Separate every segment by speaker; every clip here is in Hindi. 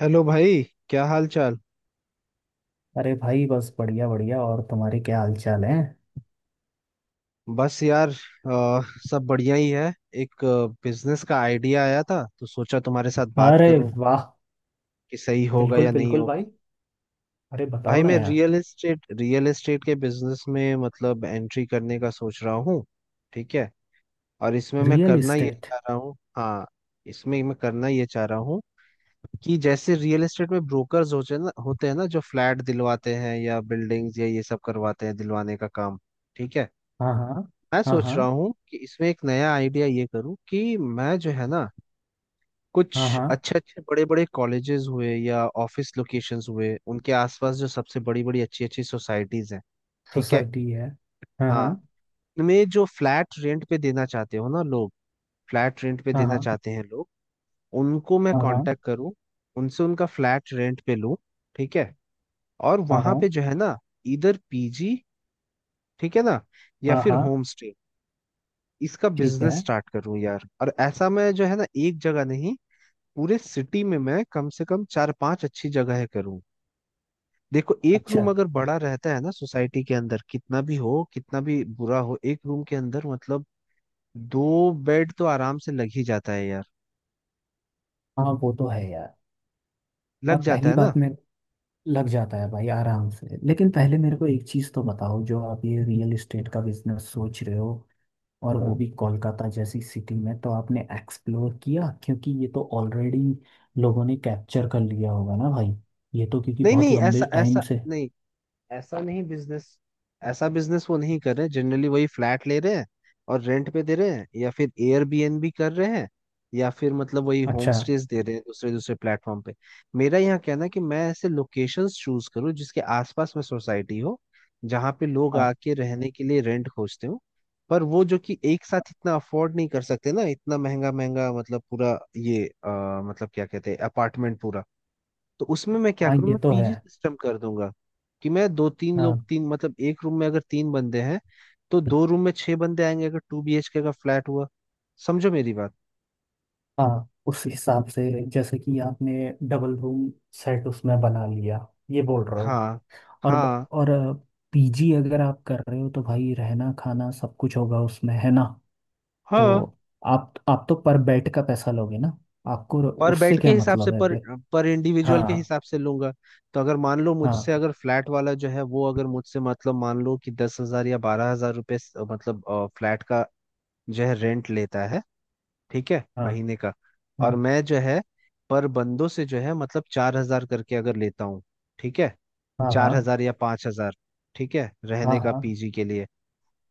Speaker 1: हेलो भाई। क्या हाल चाल।
Speaker 2: अरे भाई, बस बढ़िया बढ़िया। और तुम्हारे क्या हाल चाल है?
Speaker 1: बस यार, सब बढ़िया ही है। एक बिजनेस का आइडिया आया था तो सोचा तुम्हारे साथ बात
Speaker 2: अरे
Speaker 1: करूं
Speaker 2: वाह।
Speaker 1: कि सही होगा
Speaker 2: बिल्कुल
Speaker 1: या नहीं
Speaker 2: बिल्कुल भाई।
Speaker 1: होगा।
Speaker 2: अरे बताओ
Speaker 1: भाई
Speaker 2: ना
Speaker 1: मैं
Speaker 2: यार।
Speaker 1: रियल एस्टेट के बिजनेस में मतलब एंट्री करने का सोच रहा हूँ। ठीक है। और इसमें मैं
Speaker 2: रियल
Speaker 1: करना ये
Speaker 2: इस्टेट।
Speaker 1: चाह रहा हूँ। हाँ। इसमें मैं करना ये चाह रहा हूँ कि जैसे रियल एस्टेट में ब्रोकर्स होते हैं ना जो फ्लैट दिलवाते हैं या बिल्डिंग्स या ये सब करवाते हैं दिलवाने का काम। ठीक है।
Speaker 2: हाँ हाँ।
Speaker 1: मैं
Speaker 2: हाँ
Speaker 1: सोच
Speaker 2: हाँ।
Speaker 1: रहा हूँ कि इसमें एक नया आइडिया ये करूँ कि मैं जो है ना
Speaker 2: हाँ
Speaker 1: कुछ
Speaker 2: हाँ।
Speaker 1: अच्छे अच्छे बड़े बड़े कॉलेजेस हुए या ऑफिस लोकेशंस हुए उनके आसपास जो सबसे बड़ी बड़ी अच्छी अच्छी सोसाइटीज हैं। ठीक है।
Speaker 2: सोसाइटी है। हाँ
Speaker 1: हाँ।
Speaker 2: हाँ
Speaker 1: उनमें जो फ्लैट रेंट पे देना चाहते हो ना लोग, फ्लैट रेंट पे
Speaker 2: हाँ
Speaker 1: देना
Speaker 2: हाँ
Speaker 1: चाहते हैं लोग, उनको मैं
Speaker 2: हाँ हाँ
Speaker 1: कांटेक्ट करूँ, उनसे उनका फ्लैट रेंट पे लूँ। ठीक है। और
Speaker 2: हाँ
Speaker 1: वहां
Speaker 2: हाँ।
Speaker 1: पे जो है ना इधर पीजी, ठीक है ना, या
Speaker 2: हाँ
Speaker 1: फिर
Speaker 2: हाँ,
Speaker 1: होम स्टे, इसका
Speaker 2: ठीक
Speaker 1: बिजनेस
Speaker 2: है।
Speaker 1: स्टार्ट करूं यार। और ऐसा मैं जो है ना एक जगह नहीं, पूरे सिटी में मैं कम से कम चार पांच अच्छी जगह करूं। देखो एक
Speaker 2: अच्छा।
Speaker 1: रूम अगर बड़ा रहता है ना सोसाइटी के अंदर, कितना भी हो कितना भी बुरा हो, एक रूम के अंदर मतलब दो बेड तो आराम से लग ही जाता है यार।
Speaker 2: हाँ वो तो है यार। और
Speaker 1: लग जाता
Speaker 2: पहली
Speaker 1: है ना।
Speaker 2: बात में, लग जाता है भाई आराम से। लेकिन पहले मेरे को एक चीज़ तो बताओ, जो आप ये रियल इस्टेट का बिजनेस सोच रहे हो, और वो
Speaker 1: हाँ।
Speaker 2: भी कोलकाता जैसी सिटी में तो आपने एक्सप्लोर किया? क्योंकि ये तो ऑलरेडी लोगों ने कैप्चर कर लिया होगा ना भाई। ये तो क्योंकि
Speaker 1: नहीं
Speaker 2: बहुत
Speaker 1: नहीं,
Speaker 2: लंबे
Speaker 1: ऐसा
Speaker 2: टाइम
Speaker 1: ऐसा
Speaker 2: से।
Speaker 1: नहीं, ऐसा नहीं बिजनेस, ऐसा बिजनेस वो नहीं कर रहे, जनरली वही फ्लैट ले रहे हैं और रेंट पे दे रहे हैं या फिर एयरबीएनबी कर रहे हैं या फिर मतलब वही होम
Speaker 2: अच्छा।
Speaker 1: स्टेज दे रहे हैं दूसरे दूसरे प्लेटफॉर्म पे। मेरा यहाँ कहना है कि मैं ऐसे लोकेशंस चूज करूँ जिसके आसपास में सोसाइटी हो, जहाँ पे लोग
Speaker 2: हाँ
Speaker 1: आके रहने के लिए रेंट खोजते हो, पर वो जो कि एक साथ इतना अफोर्ड नहीं कर सकते ना, इतना महंगा महंगा मतलब पूरा ये मतलब क्या कहते हैं अपार्टमेंट पूरा। तो उसमें मैं क्या
Speaker 2: हाँ,
Speaker 1: करूँ,
Speaker 2: ये
Speaker 1: मैं
Speaker 2: तो है।
Speaker 1: पीजी सिस्टम कर दूंगा कि मैं दो तीन लोग,
Speaker 2: हाँ
Speaker 1: तीन मतलब एक रूम में अगर तीन बंदे हैं तो दो रूम में छह बंदे आएंगे अगर टू बीएचके का फ्लैट हुआ। समझो मेरी बात।
Speaker 2: हाँ, उस हिसाब से जैसे कि आपने डबल रूम सेट उसमें बना लिया, ये बोल रहे हो।
Speaker 1: हाँ
Speaker 2: और
Speaker 1: हाँ
Speaker 2: और पीजी अगर आप कर रहे हो तो भाई रहना खाना सब कुछ होगा उसमें, है ना? तो
Speaker 1: हाँ।
Speaker 2: आप तो पर बेड का पैसा लोगे ना आपको?
Speaker 1: और
Speaker 2: उससे
Speaker 1: बेड के
Speaker 2: क्या
Speaker 1: हिसाब से,
Speaker 2: मतलब
Speaker 1: पर
Speaker 2: है।
Speaker 1: पर इंडिविजुअल के
Speaker 2: हाँ
Speaker 1: हिसाब से लूंगा। तो अगर मान लो मुझसे,
Speaker 2: हाँ
Speaker 1: अगर फ्लैट वाला जो है वो अगर मुझसे मतलब मान लो कि 10 हजार या 12 हजार रुपये, मतलब फ्लैट का जो है रेंट लेता है, ठीक है,
Speaker 2: हाँ
Speaker 1: महीने का। और
Speaker 2: हाँ
Speaker 1: मैं जो है पर बंदों से जो है मतलब 4 हजार करके अगर लेता हूँ, ठीक है,
Speaker 2: हाँ हाँ
Speaker 1: 4 हजार या 5 हजार, ठीक है,
Speaker 2: हाँ
Speaker 1: रहने का
Speaker 2: हाँ,
Speaker 1: पीजी के लिए।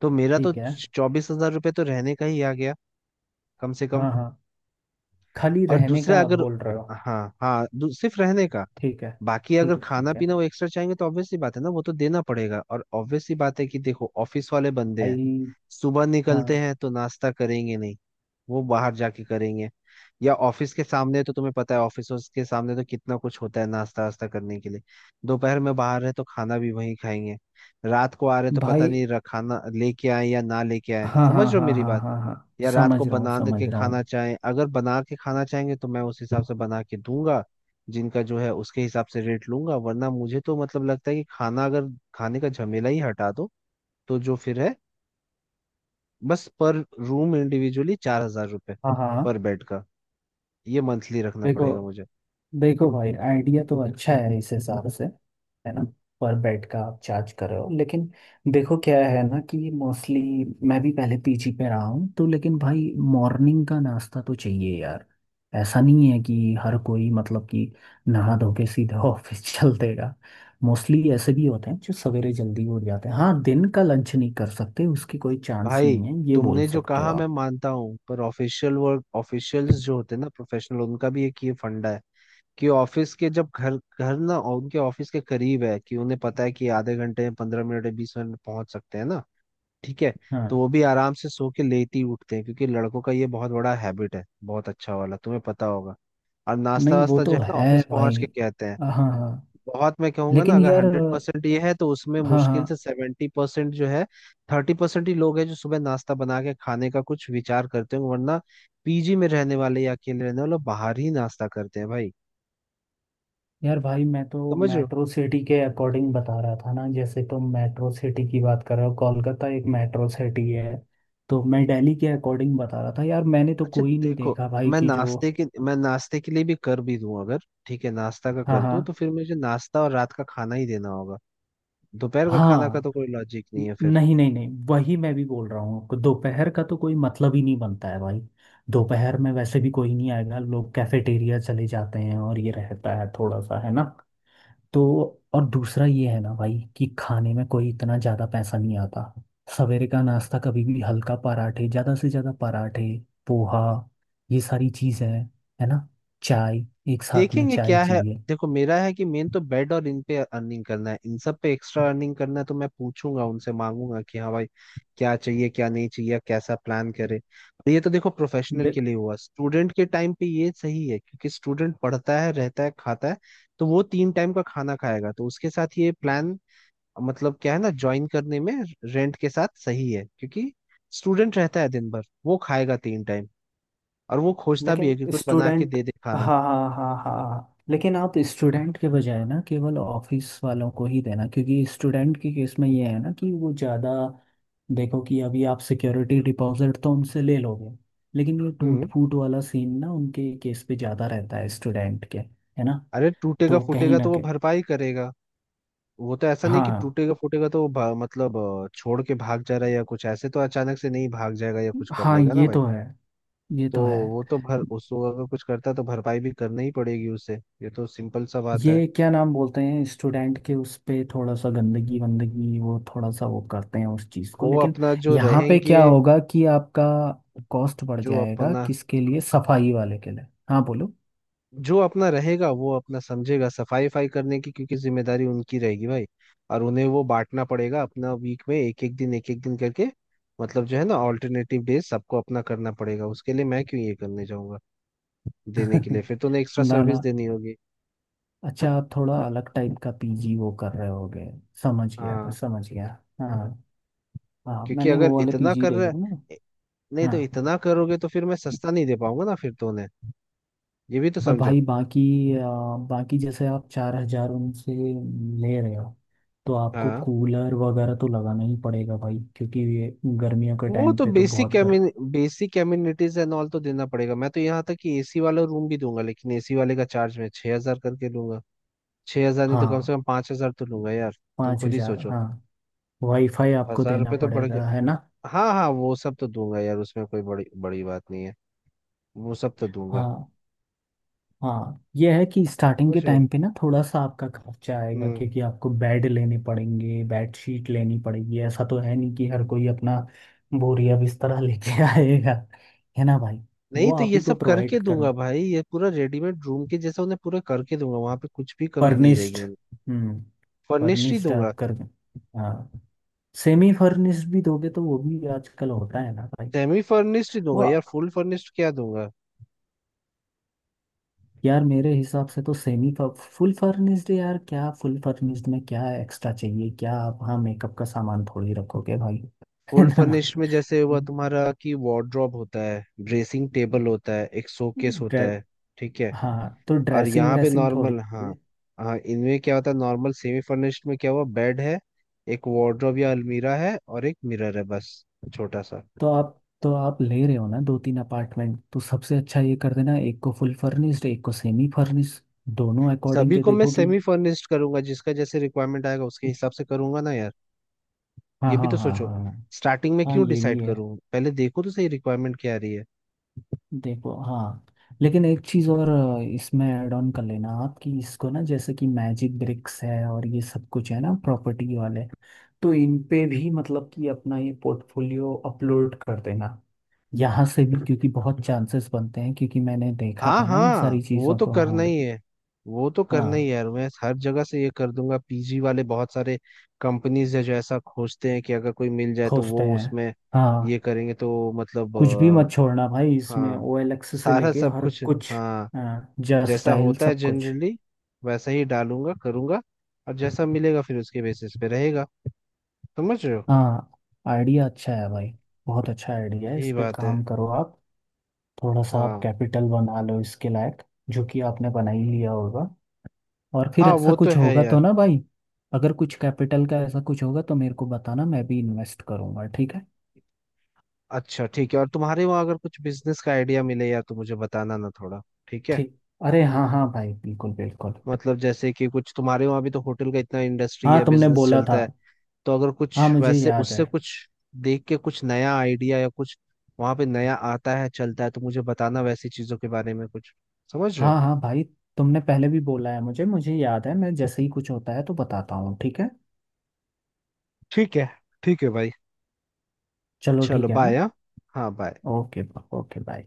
Speaker 1: तो मेरा तो
Speaker 2: ठीक है।
Speaker 1: 24 हजार रुपये तो रहने का ही आ गया, कम से कम।
Speaker 2: हाँ हाँ, खाली
Speaker 1: और
Speaker 2: रहने का
Speaker 1: दूसरा
Speaker 2: आप
Speaker 1: अगर,
Speaker 2: बोल रहे हो?
Speaker 1: हाँ हाँ, सिर्फ रहने का।
Speaker 2: ठीक है
Speaker 1: बाकी अगर
Speaker 2: ठीक है
Speaker 1: खाना
Speaker 2: ठीक है
Speaker 1: पीना वो एक्स्ट्रा चाहेंगे तो ऑब्वियसली बात है ना, वो तो देना पड़ेगा। और ऑब्वियसली बात है कि देखो ऑफिस वाले बंदे हैं,
Speaker 2: भाई।
Speaker 1: सुबह निकलते
Speaker 2: हाँ
Speaker 1: हैं तो नाश्ता करेंगे नहीं, वो बाहर जाके करेंगे या ऑफिस के सामने, तो तुम्हें पता है ऑफिस के सामने तो कितना कुछ होता है नाश्ता वास्ता करने के लिए। दोपहर में बाहर है तो खाना भी वहीं खाएंगे। रात को आ रहे तो पता
Speaker 2: भाई।
Speaker 1: नहीं खाना लेके आए या ना लेके आए,
Speaker 2: हाँ हाँ
Speaker 1: समझ रहे हो
Speaker 2: हाँ
Speaker 1: मेरी
Speaker 2: हाँ
Speaker 1: बात,
Speaker 2: हाँ हाँ।
Speaker 1: या रात को
Speaker 2: समझ रहा हूँ
Speaker 1: बना दे के
Speaker 2: समझ रहा
Speaker 1: खाना
Speaker 2: हूँ।
Speaker 1: चाहें, अगर बना के खाना चाहेंगे तो मैं उस हिसाब से बना के दूंगा। जिनका जो है उसके हिसाब से रेट लूंगा, वरना मुझे तो मतलब लगता है कि खाना, अगर खाने का झमेला ही हटा दो तो जो फिर है बस पर रूम इंडिविजुअली 4 हजार रुपये,
Speaker 2: हाँ हाँ।
Speaker 1: पर बेड का, ये मंथली रखना
Speaker 2: देखो,
Speaker 1: पड़ेगा मुझे।
Speaker 2: देखो भाई आइडिया तो अच्छा है इस हिसाब से, है ना? पर बेड का आप चार्ज कर रहे हो, लेकिन देखो क्या है ना कि मोस्टली मैं भी पहले पीजी पे रहा हूँ, तो लेकिन भाई मॉर्निंग का नाश्ता तो चाहिए यार। ऐसा नहीं है कि हर कोई मतलब कि नहा धो के सीधा ऑफिस चल देगा। मोस्टली ऐसे भी होते हैं जो सवेरे जल्दी उठ जाते हैं। हाँ, दिन का लंच नहीं कर सकते उसकी कोई चांस
Speaker 1: भाई
Speaker 2: नहीं है, ये बोल
Speaker 1: तुमने जो
Speaker 2: सकते हो
Speaker 1: कहा मैं
Speaker 2: आप।
Speaker 1: मानता हूँ, पर ऑफिशियल वर्क, ऑफिशियल्स जो होते हैं ना प्रोफेशनल, उनका भी एक ये फंडा है कि ऑफिस के जब घर घर ना, उनके ऑफिस के करीब है कि उन्हें पता है कि आधे घंटे, 15 मिनट, 20 मिनट में पहुंच सकते हैं ना। ठीक है। तो
Speaker 2: हाँ,
Speaker 1: वो भी आराम से सो के लेट ही उठते हैं क्योंकि लड़कों का ये बहुत बड़ा हैबिट है बहुत अच्छा वाला, तुम्हें पता होगा। और नाश्ता
Speaker 2: नहीं वो
Speaker 1: वास्ता जो
Speaker 2: तो
Speaker 1: है ना
Speaker 2: है
Speaker 1: ऑफिस
Speaker 2: भाई।
Speaker 1: पहुंच के कहते हैं।
Speaker 2: हाँ हाँ।
Speaker 1: बहुत मैं कहूंगा ना,
Speaker 2: लेकिन
Speaker 1: अगर
Speaker 2: यार।
Speaker 1: 100% ये है तो उसमें
Speaker 2: हाँ हाँ।
Speaker 1: मुश्किल से 70% जो है, 30% ही लोग हैं जो सुबह नाश्ता बना के खाने का कुछ विचार करते हैं, वरना पीजी में रहने वाले या अकेले रहने वाले लोग बाहर ही नाश्ता करते हैं भाई।
Speaker 2: यार भाई मैं तो
Speaker 1: समझ रहे हो?
Speaker 2: मेट्रो सिटी के अकॉर्डिंग बता रहा था ना। जैसे तुम मेट्रो सिटी की बात कर रहे हो, कोलकाता एक मेट्रो सिटी है, तो मैं दिल्ली के अकॉर्डिंग बता रहा था यार। मैंने तो
Speaker 1: अच्छा
Speaker 2: कोई नहीं
Speaker 1: देखो,
Speaker 2: देखा भाई कि जो।
Speaker 1: मैं नाश्ते के लिए भी कर भी दूं अगर, ठीक है, नाश्ता का
Speaker 2: हाँ
Speaker 1: कर दूं तो
Speaker 2: हाँ
Speaker 1: फिर मुझे नाश्ता और रात का खाना ही देना होगा। दोपहर का खाना का
Speaker 2: हाँ।
Speaker 1: तो कोई लॉजिक नहीं है फिर।
Speaker 2: नहीं नहीं नहीं, वही मैं भी बोल रहा हूँ, दोपहर का तो कोई मतलब ही नहीं बनता है भाई। दोपहर में वैसे भी कोई नहीं आएगा, लोग कैफेटेरिया चले जाते हैं, और ये रहता है थोड़ा सा, है ना? तो और दूसरा ये है ना भाई कि खाने में कोई इतना ज़्यादा पैसा नहीं आता। सवेरे का नाश्ता कभी भी हल्का, पराठे ज़्यादा से ज़्यादा पराठे, पोहा, ये सारी चीज़ें हैं, है ना? चाय, एक साथ में
Speaker 1: देखेंगे
Speaker 2: चाय
Speaker 1: क्या है।
Speaker 2: चाहिए।
Speaker 1: देखो मेरा है कि मेन तो बेड और इन पे अर्निंग करना है, इन सब पे एक्स्ट्रा अर्निंग करना है। तो मैं पूछूंगा उनसे मांगूंगा कि हाँ भाई क्या चाहिए क्या नहीं चाहिए कैसा प्लान करे। और ये तो देखो प्रोफेशनल के लिए हुआ, स्टूडेंट के टाइम पे ये सही है क्योंकि स्टूडेंट पढ़ता है रहता है खाता है तो वो तीन टाइम का खाना खाएगा तो उसके साथ ये प्लान मतलब क्या है ना ज्वाइन करने में रेंट के साथ सही है क्योंकि स्टूडेंट रहता है दिन भर, वो खाएगा तीन टाइम और वो खोजता भी है
Speaker 2: लेकिन
Speaker 1: कि कोई बना के
Speaker 2: स्टूडेंट,
Speaker 1: दे दे
Speaker 2: हाँ
Speaker 1: खाना।
Speaker 2: हाँ हाँ हाँ हाँ। लेकिन आप स्टूडेंट के बजाय ना केवल ऑफिस वालों को ही देना, क्योंकि स्टूडेंट के केस में ये है ना कि वो ज़्यादा, देखो कि अभी आप सिक्योरिटी डिपॉजिट तो उनसे ले लोगे, लेकिन ये टूट
Speaker 1: हम्म।
Speaker 2: फूट वाला सीन ना उनके केस पे ज़्यादा रहता है स्टूडेंट के, है ना?
Speaker 1: अरे टूटेगा
Speaker 2: तो कहीं
Speaker 1: फूटेगा तो
Speaker 2: ना
Speaker 1: वो
Speaker 2: कहीं।
Speaker 1: भरपाई करेगा। वो तो ऐसा नहीं कि
Speaker 2: हाँ
Speaker 1: टूटेगा फूटेगा तो वो मतलब छोड़ के भाग जा रहा है या कुछ, ऐसे तो अचानक से नहीं भाग जाएगा या कुछ कर
Speaker 2: हाँ,
Speaker 1: लेगा ना
Speaker 2: ये
Speaker 1: भाई।
Speaker 2: तो है, ये
Speaker 1: तो
Speaker 2: तो है।
Speaker 1: वो तो भर, उसको अगर कुछ करता है तो भरपाई भी करना ही पड़ेगी उसे, ये तो सिंपल सा बात है।
Speaker 2: ये क्या नाम बोलते हैं, स्टूडेंट के उस पे थोड़ा सा गंदगी वंदगी वो थोड़ा सा वो करते हैं उस चीज़ को,
Speaker 1: वो
Speaker 2: लेकिन
Speaker 1: अपना जो
Speaker 2: यहाँ पे
Speaker 1: रहेंगे
Speaker 2: क्या होगा कि आपका कॉस्ट बढ़
Speaker 1: जो
Speaker 2: जाएगा
Speaker 1: अपना,
Speaker 2: किसके लिए, सफाई वाले के लिए? हाँ बोलो
Speaker 1: जो अपना रहेगा वो अपना समझेगा सफाई फाई करने की क्योंकि जिम्मेदारी उनकी रहेगी भाई। और उन्हें वो बांटना पड़ेगा अपना, वीक में एक एक दिन करके, मतलब जो है ना ऑल्टरनेटिव डेज सबको अपना करना पड़ेगा। उसके लिए मैं क्यों ये करने जाऊंगा देने के लिए, फिर तो उन्हें एक्स्ट्रा
Speaker 2: ना
Speaker 1: सर्विस
Speaker 2: ना,
Speaker 1: देनी होगी।
Speaker 2: अच्छा आप थोड़ा अलग टाइप का पीजी वो कर रहे होगे, समझ गया मैं,
Speaker 1: हाँ,
Speaker 2: समझ गया। हाँ। हाँ
Speaker 1: क्योंकि
Speaker 2: मैंने
Speaker 1: अगर
Speaker 2: वो वाले
Speaker 1: इतना
Speaker 2: पीजी
Speaker 1: कर
Speaker 2: देखे
Speaker 1: रहा,
Speaker 2: थे ना।
Speaker 1: नहीं तो
Speaker 2: हाँ।
Speaker 1: इतना करोगे तो फिर मैं सस्ता नहीं दे पाऊंगा ना फिर तो उन्हें, ये भी तो
Speaker 2: और
Speaker 1: समझो।
Speaker 2: भाई बाकी, बाकी जैसे आप 4,000 उनसे ले रहे हो, तो आपको
Speaker 1: हाँ
Speaker 2: कूलर वगैरह तो लगाना ही पड़ेगा भाई क्योंकि ये गर्मियों के
Speaker 1: वो
Speaker 2: टाइम
Speaker 1: तो
Speaker 2: पे तो
Speaker 1: बेसिक,
Speaker 2: बहुत गर्म।
Speaker 1: बेसिक एमिनिटीज एंड ऑल तो देना पड़ेगा। मैं तो यहाँ तक कि एसी वाला रूम भी दूंगा, लेकिन एसी वाले का चार्ज मैं 6 हजार करके लूंगा। 6 हजार नहीं तो कम से
Speaker 2: हाँ।
Speaker 1: कम 5 हजार तो लूंगा यार। तुम
Speaker 2: पाँच
Speaker 1: खुद ही
Speaker 2: हजार
Speaker 1: सोचो,
Speaker 2: हाँ। वाईफाई आपको
Speaker 1: हजार
Speaker 2: देना
Speaker 1: रुपये तो बढ़
Speaker 2: पड़ेगा,
Speaker 1: गए।
Speaker 2: है ना?
Speaker 1: हाँ हाँ वो सब तो दूंगा यार, उसमें कोई बड़ी बड़ी बात नहीं है। वो सब तो दूंगा।
Speaker 2: हाँ हाँ, ये है कि स्टार्टिंग के
Speaker 1: समझो।
Speaker 2: टाइम पे ना थोड़ा सा आपका खर्चा आएगा,
Speaker 1: हम्म।
Speaker 2: क्योंकि आपको बेड लेने पड़ेंगे, बेड शीट लेनी पड़ेगी। ऐसा तो है नहीं कि हर कोई अपना बोरिया बिस्तर लेके आएगा, है ना भाई?
Speaker 1: नहीं
Speaker 2: वो
Speaker 1: तो
Speaker 2: आप
Speaker 1: ये
Speaker 2: ही को
Speaker 1: सब
Speaker 2: प्रोवाइड
Speaker 1: करके दूंगा
Speaker 2: करना।
Speaker 1: भाई, ये पूरा रेडीमेड रूम के जैसा उन्हें पूरा करके दूंगा, वहां पे कुछ भी कमी नहीं
Speaker 2: फर्निश्ड।
Speaker 1: रहेगी उन्हें।
Speaker 2: हम्म।
Speaker 1: फर्निश्ड ही
Speaker 2: फर्निश्ड
Speaker 1: दूंगा।
Speaker 2: आप कर, हाँ। सेमी फर्निश्ड भी दोगे तो वो भी आजकल होता है ना भाई।
Speaker 1: सेमी फर्निश्ड ही दूंगा
Speaker 2: वो,
Speaker 1: यार, फुल फर्निश्ड क्या दूंगा।
Speaker 2: यार मेरे हिसाब से तो सेमी, फुल फर्निश्ड यार क्या फुल फर्निश्ड में क्या एक्स्ट्रा चाहिए क्या आप? हाँ मेकअप का सामान थोड़ी रखोगे भाई है
Speaker 1: फुल
Speaker 2: ना?
Speaker 1: फर्निश्ड में जैसे हुआ तुम्हारा कि वार्डरोब होता है, ड्रेसिंग टेबल होता है, एक शोकेस
Speaker 2: ड्रे,
Speaker 1: होता है। ठीक है।
Speaker 2: हाँ तो
Speaker 1: और
Speaker 2: ड्रेसिंग
Speaker 1: यहाँ पे
Speaker 2: व्रेसिंग थोड़ी
Speaker 1: नॉर्मल, हाँ
Speaker 2: होगी।
Speaker 1: हाँ इनमें क्या होता है, नॉर्मल सेमी फर्निश्ड में क्या हुआ, बेड है, एक वार्डरोब या अलमीरा है और एक मिरर है बस, छोटा सा।
Speaker 2: तो आप, तो आप ले रहे हो ना दो तीन अपार्टमेंट, तो सबसे अच्छा ये कर देना एक को फुल फर्निश्ड एक को सेमी फर्निश्ड, दोनों अकॉर्डिंग
Speaker 1: सभी
Speaker 2: के
Speaker 1: को मैं
Speaker 2: देखो कि।
Speaker 1: सेमी फर्निश्ड करूंगा, जिसका जैसे रिक्वायरमेंट आएगा उसके
Speaker 2: हाँ
Speaker 1: हिसाब से करूंगा ना यार।
Speaker 2: हाँ
Speaker 1: ये भी
Speaker 2: हाँ
Speaker 1: तो
Speaker 2: हाँ
Speaker 1: सोचो,
Speaker 2: हाँ
Speaker 1: स्टार्टिंग में
Speaker 2: हाँ,
Speaker 1: क्यों
Speaker 2: ये भी
Speaker 1: डिसाइड
Speaker 2: है।
Speaker 1: करूँ, पहले देखो तो सही रिक्वायरमेंट क्या आ रही है।
Speaker 2: देखो हाँ। लेकिन एक चीज़ और इसमें ऐड ऑन कर लेना आप कि इसको ना जैसे कि मैजिक ब्रिक्स है और ये सब कुछ है ना प्रॉपर्टी वाले, तो इन पे भी मतलब कि अपना ये पोर्टफोलियो अपलोड कर देना, यहाँ से भी। क्योंकि बहुत चांसेस बनते हैं, क्योंकि मैंने देखा
Speaker 1: हाँ
Speaker 2: था ना इन सारी
Speaker 1: हाँ वो
Speaker 2: चीज़ों
Speaker 1: तो
Speaker 2: को।
Speaker 1: करना
Speaker 2: हाँ
Speaker 1: ही है, वो तो करना ही है
Speaker 2: हाँ,
Speaker 1: यार, मैं हर जगह से ये कर दूंगा। पीजी वाले बहुत सारे कंपनीज है जो ऐसा खोजते हैं कि अगर कोई मिल जाए तो
Speaker 2: खोजते
Speaker 1: वो
Speaker 2: हैं।
Speaker 1: उसमें ये
Speaker 2: हाँ
Speaker 1: करेंगे तो मतलब
Speaker 2: कुछ भी मत छोड़ना भाई, इसमें
Speaker 1: हाँ
Speaker 2: OLX से
Speaker 1: सारा
Speaker 2: लेके
Speaker 1: सब
Speaker 2: हर
Speaker 1: कुछ
Speaker 2: कुछ।
Speaker 1: हाँ
Speaker 2: हाँ जस्ट
Speaker 1: जैसा
Speaker 2: स्टाइल
Speaker 1: होता है
Speaker 2: सब कुछ।
Speaker 1: जनरली वैसा ही डालूंगा करूंगा। और जैसा मिलेगा फिर उसके बेसिस पे रहेगा। समझ रहे हो।
Speaker 2: हाँ आइडिया अच्छा है भाई, बहुत अच्छा आइडिया है, इस
Speaker 1: यही
Speaker 2: पे
Speaker 1: बात है।
Speaker 2: काम करो आप। थोड़ा सा आप
Speaker 1: हाँ
Speaker 2: कैपिटल बना लो इसके लायक, जो कि आपने बना ही लिया होगा। और फिर
Speaker 1: हाँ
Speaker 2: ऐसा
Speaker 1: वो तो
Speaker 2: कुछ
Speaker 1: है
Speaker 2: होगा
Speaker 1: यार।
Speaker 2: तो ना भाई, अगर कुछ कैपिटल का ऐसा कुछ होगा तो मेरे को बताना, मैं भी इन्वेस्ट करूंगा, ठीक है।
Speaker 1: अच्छा ठीक है, और तुम्हारे वहाँ अगर कुछ बिजनेस का आइडिया मिले या, तो मुझे बताना ना थोड़ा। ठीक है।
Speaker 2: ठीक। अरे हाँ हाँ भाई बिल्कुल बिल्कुल।
Speaker 1: मतलब जैसे कि कुछ तुम्हारे वहाँ भी तो होटल का इतना इंडस्ट्री
Speaker 2: हाँ
Speaker 1: या
Speaker 2: तुमने
Speaker 1: बिजनेस
Speaker 2: बोला था।
Speaker 1: चलता है, तो अगर कुछ
Speaker 2: हाँ मुझे
Speaker 1: वैसे
Speaker 2: याद है।
Speaker 1: उससे कुछ देख के कुछ नया आइडिया या कुछ वहाँ पे नया आता है चलता है तो मुझे बताना, वैसी चीजों के बारे में कुछ। समझ रहे
Speaker 2: हाँ
Speaker 1: हो।
Speaker 2: हाँ भाई तुमने पहले भी बोला है मुझे मुझे याद है, मैं जैसे ही कुछ होता है तो बताता हूँ, ठीक है?
Speaker 1: ठीक है। ठीक है भाई।
Speaker 2: चलो
Speaker 1: चलो
Speaker 2: ठीक है हाँ।
Speaker 1: बाय। हाँ हाँ बाय।
Speaker 2: ओके। Okay bye.